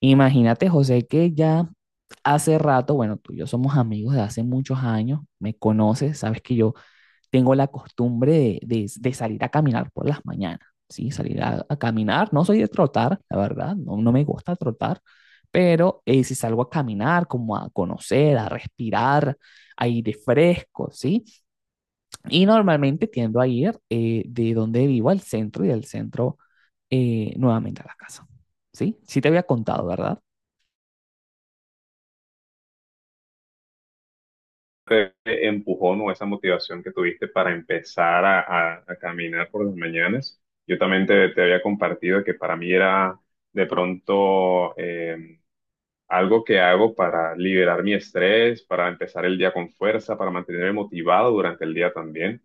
Imagínate, José, que ya hace rato, bueno, tú y yo somos amigos de hace muchos años, me conoces, sabes que yo tengo la costumbre de, de salir a caminar por las mañanas, ¿sí? Salir a caminar, no soy de trotar, la verdad, no, no me gusta trotar, pero si salgo a caminar, como a conocer, a respirar aire fresco, ¿sí? Y normalmente tiendo a ir de donde vivo al centro y del centro nuevamente a la casa, ¿sí? Sí te había contado, ¿verdad? Te empujón o esa motivación que tuviste para empezar a caminar por las mañanas. Yo también te había compartido que para mí era de pronto algo que hago para liberar mi estrés, para empezar el día con fuerza, para mantenerme motivado durante el día también.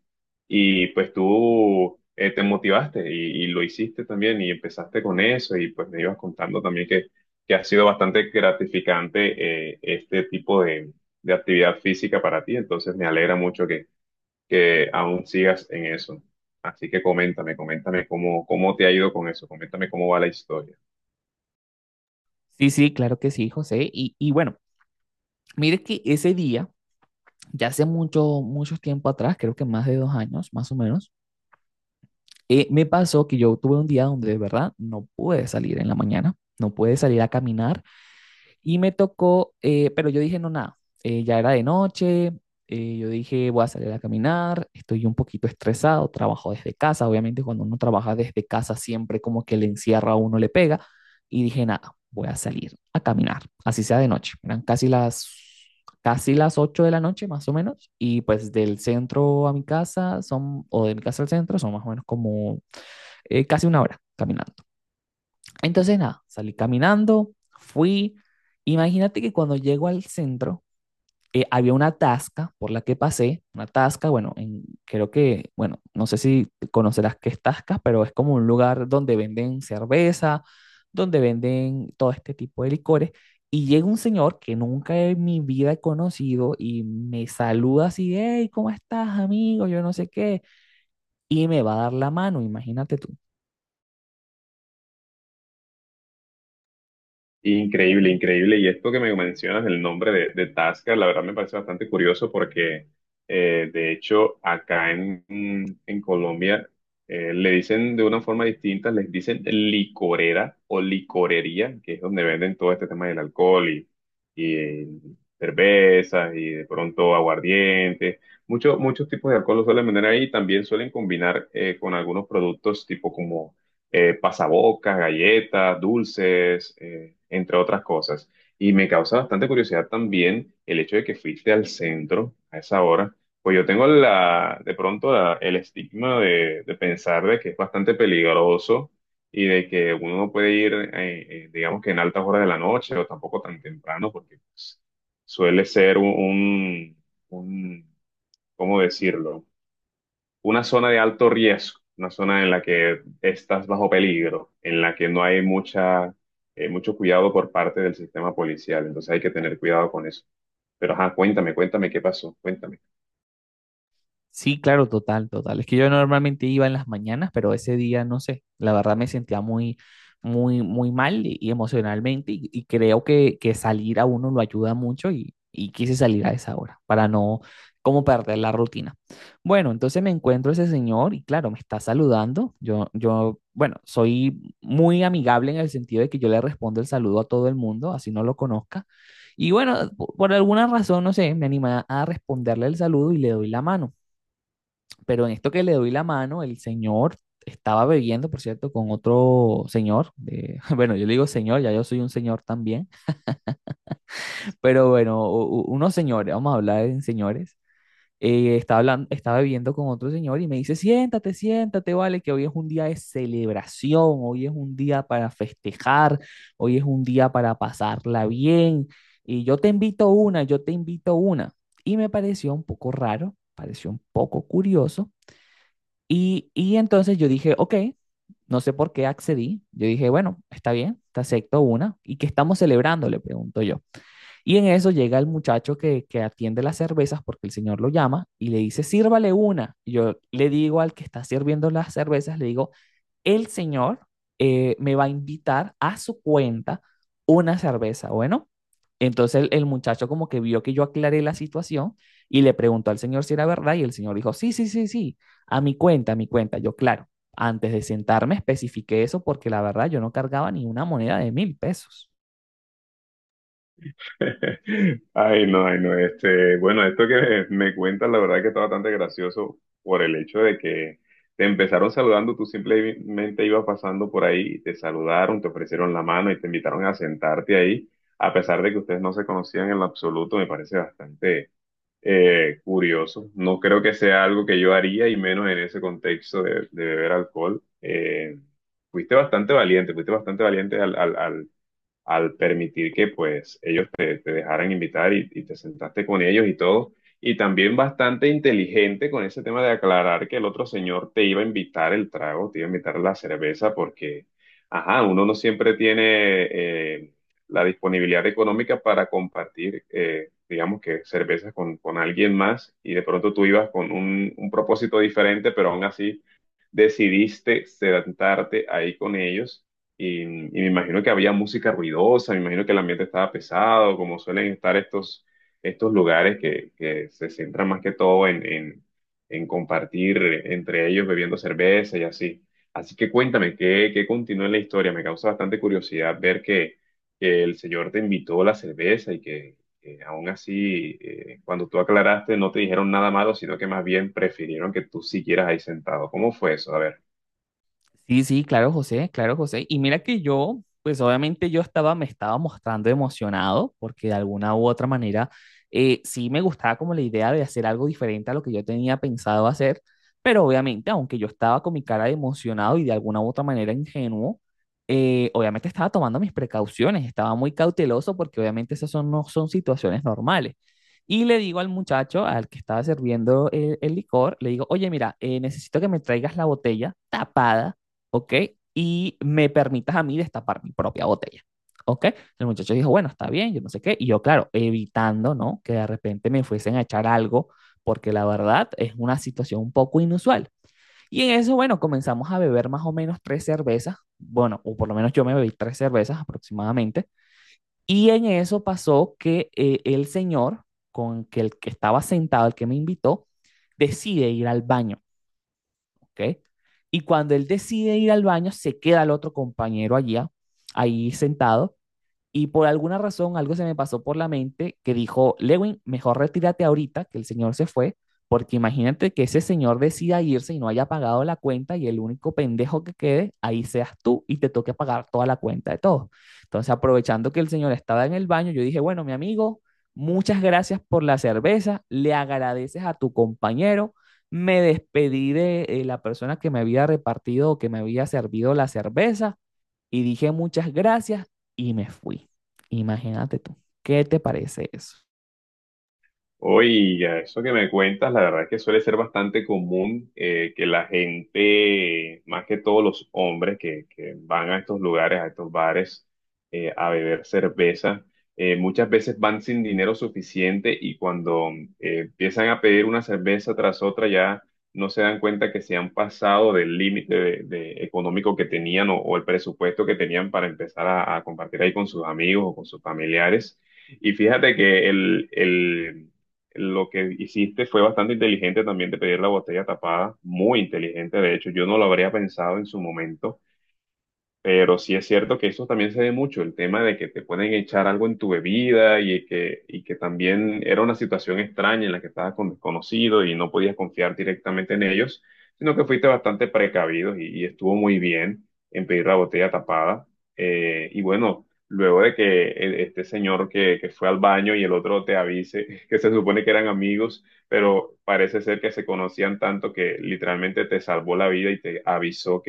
Y pues tú te motivaste y lo hiciste también y empezaste con eso y pues me ibas contando también que ha sido bastante gratificante este tipo de actividad física para ti. Entonces me alegra mucho que aún sigas en eso. Así que coméntame, coméntame cómo te ha ido con eso, coméntame cómo va la historia. Sí, sí, claro que sí, José. Y bueno, mire que ese día, ya hace mucho, mucho tiempo atrás, creo que más de 2 años, más o menos, me pasó que yo tuve un día donde de verdad no pude salir en la mañana, no pude salir a caminar. Y me tocó, pero yo dije, no, nada, ya era de noche, yo dije, voy a salir a caminar, estoy un poquito estresado, trabajo desde casa, obviamente cuando uno trabaja desde casa siempre como que le encierra a uno, le pega, y dije, nada, voy a salir a caminar, así sea de noche, eran casi las 8 de la noche más o menos, y pues del centro a mi casa son, o de mi casa al centro son más o menos como casi una hora caminando. Entonces, nada, salí caminando, fui. Imagínate que cuando llego al centro, había una tasca por la que pasé, una tasca, bueno, creo que, bueno, no sé si conocerás qué es tasca, pero es como un lugar donde venden cerveza, donde venden todo este tipo de licores, y llega un señor que nunca en mi vida he conocido y me saluda así, hey, ¿cómo estás, amigo? Yo no sé qué, y me va a dar la mano, imagínate tú. Increíble, increíble. Y esto que me mencionas, el nombre de Tasca, la verdad me parece bastante curioso porque, de hecho, acá en Colombia le dicen de una forma distinta, les dicen licorera o licorería, que es donde venden todo este tema del alcohol y cervezas y de pronto aguardiente. Muchos muchos tipos de alcohol lo suelen vender ahí. También suelen combinar con algunos productos tipo como pasabocas, galletas, dulces, entre otras cosas. Y me causa bastante curiosidad también el hecho de que fuiste al centro a esa hora. Pues yo tengo la, de pronto el estigma de pensar de que es bastante peligroso y de que uno no puede ir, digamos que en altas horas de la noche o tampoco tan temprano, porque pues, suele ser un ¿cómo decirlo? Una zona de alto riesgo, una zona en la que estás bajo peligro, en la que no hay mucho cuidado por parte del sistema policial. Entonces hay que tener cuidado con eso. Pero ajá, cuéntame, cuéntame qué pasó, cuéntame. Sí, claro, total, total. Es que yo normalmente iba en las mañanas, pero ese día, no sé, la verdad me sentía muy, muy, muy mal y emocionalmente y creo que salir a uno lo ayuda mucho y quise salir a esa hora para no como perder la rutina. Bueno, entonces me encuentro ese señor y claro, me está saludando. Yo, bueno, soy muy amigable en el sentido de que yo le respondo el saludo a todo el mundo, así no lo conozca. Y bueno, por alguna razón, no sé, me anima a responderle el saludo y le doy la mano, pero en esto que le doy la mano, el señor estaba bebiendo, por cierto, con otro señor, bueno, yo le digo señor, ya yo soy un señor también, pero bueno, unos señores, vamos a hablar en señores, estaba hablando, estaba bebiendo con otro señor y me dice, siéntate, siéntate, vale, que hoy es un día de celebración, hoy es un día para festejar, hoy es un día para pasarla bien, y yo te invito una, yo te invito una. Y me pareció un poco raro, pareció un poco curioso, y entonces yo dije, ok, no sé por qué accedí. Yo dije, bueno, está bien, te acepto una. ¿Y qué estamos celebrando? Le pregunto yo. Y en eso llega el muchacho que atiende las cervezas porque el señor lo llama y le dice, sírvale una. Y yo le digo al que está sirviendo las cervezas, le digo, el señor me va a invitar a su cuenta una cerveza. Bueno, entonces el muchacho como que vio que yo aclaré la situación y le preguntó al señor si era verdad y el señor dijo, sí, sí, sí, sí, a mi cuenta, a mi cuenta. Yo, claro, antes de sentarme especifiqué eso porque la verdad yo no cargaba ni una moneda de 1.000 pesos. Ay, no, este, bueno, esto que me cuentas, la verdad que está bastante gracioso por el hecho de que te empezaron saludando, tú simplemente ibas pasando por ahí, te saludaron, te ofrecieron la mano y te invitaron a sentarte ahí, a pesar de que ustedes no se conocían en lo absoluto, me parece bastante, curioso. No creo que sea algo que yo haría y menos en ese contexto de beber alcohol. Fuiste bastante valiente al permitir que pues ellos te dejaran invitar y te sentaste con ellos y todo. Y también bastante inteligente con ese tema de aclarar que el otro señor te iba a invitar el trago, te iba a invitar la cerveza, porque, ajá, uno no siempre tiene eh, la disponibilidad económica para compartir, digamos que cervezas con alguien más y de pronto tú ibas con un propósito diferente, pero aún así decidiste sentarte ahí con ellos y me imagino que había música ruidosa, me imagino que el ambiente estaba pesado, como suelen estar estos lugares que se centran más que todo en compartir entre ellos bebiendo cerveza y así. Así que cuéntame, ¿qué, qué continúa en la historia? Me causa bastante curiosidad ver que el Señor te invitó la cerveza y que, aún así, cuando tú aclaraste, no te dijeron nada malo, sino que más bien prefirieron que tú siguieras ahí sentado. ¿Cómo fue eso? A ver. Sí, sí, claro, José, claro, José. Y mira que yo, pues obviamente yo estaba, me estaba mostrando emocionado porque de alguna u otra manera sí me gustaba como la idea de hacer algo diferente a lo que yo tenía pensado hacer, pero obviamente aunque yo estaba con mi cara de emocionado y de alguna u otra manera ingenuo, obviamente estaba tomando mis precauciones, estaba muy cauteloso porque obviamente esas son, no son situaciones normales. Y le digo al muchacho, al que estaba sirviendo el licor, le digo, oye, mira, necesito que me traigas la botella tapada, ¿ok? Y me permitas a mí destapar mi propia botella, ¿ok? El muchacho dijo, bueno, está bien, yo no sé qué. Y yo, claro, evitando, ¿no? Que de repente me fuesen a echar algo, porque la verdad es una situación un poco inusual. Y en eso, bueno, comenzamos a beber más o menos tres cervezas, bueno, o por lo menos yo me bebí tres cervezas aproximadamente. Y en eso pasó que el señor con que el que estaba sentado, el que me invitó, decide ir al baño. ¿Ok? Y cuando él decide ir al baño, se queda el otro compañero allá, ahí sentado, y por alguna razón algo se me pasó por la mente que dijo, Lewin, mejor retírate ahorita que el señor se fue, porque imagínate que ese señor decida irse y no haya pagado la cuenta y el único pendejo que quede, ahí seas tú y te toque pagar toda la cuenta de todos. Entonces, aprovechando que el señor estaba en el baño, yo dije, bueno, mi amigo, muchas gracias por la cerveza, le agradeces a tu compañero. Me despedí de la persona que me había repartido o que me había servido la cerveza y dije muchas gracias y me fui. Imagínate tú, ¿qué te parece eso? Oiga, eso que me cuentas, la verdad es que suele ser bastante común que la gente, más que todos los hombres que van a estos lugares, a estos bares, a beber cerveza, muchas veces van sin dinero suficiente y cuando empiezan a pedir una cerveza tras otra ya no se dan cuenta que se han pasado del límite de económico que tenían o el presupuesto que tenían para empezar a compartir ahí con sus amigos o con sus familiares. Y fíjate que lo que hiciste fue bastante inteligente también de pedir la botella tapada, muy inteligente, de hecho, yo no lo habría pensado en su momento. Pero sí es cierto que eso también se ve mucho, el tema de que te pueden echar algo en tu bebida y que también era una situación extraña en la que estabas con desconocidos y no podías confiar directamente en ellos, sino que fuiste bastante precavido y estuvo muy bien en pedir la botella tapada. Y bueno, luego de que este señor que fue al baño y el otro te avise que se supone que eran amigos, pero parece ser que se conocían tanto que literalmente te salvó la vida y te avisó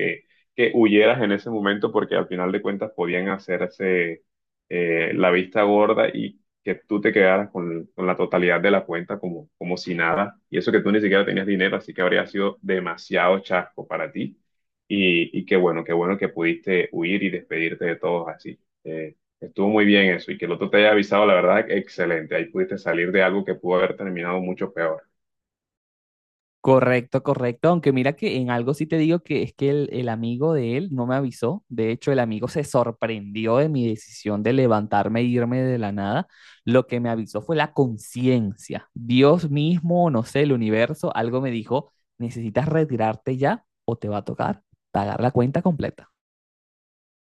que huyeras en ese momento porque al final de cuentas podían hacerse la vista gorda y que tú te quedaras con la totalidad de la cuenta como, como si nada. Y eso que tú ni siquiera tenías dinero, así que habría sido demasiado chasco para ti. Y qué bueno que pudiste huir y despedirte de todos así. Estuvo muy bien eso y que el otro te haya avisado, la verdad, excelente. Ahí pudiste salir de algo que pudo haber terminado mucho peor. Correcto, correcto. Aunque mira que en algo sí te digo que es que el amigo de él no me avisó. De hecho, el amigo se sorprendió de mi decisión de levantarme e irme de la nada. Lo que me avisó fue la conciencia. Dios mismo, no sé, el universo, algo me dijo, necesitas retirarte ya o te va a tocar pagar la cuenta completa.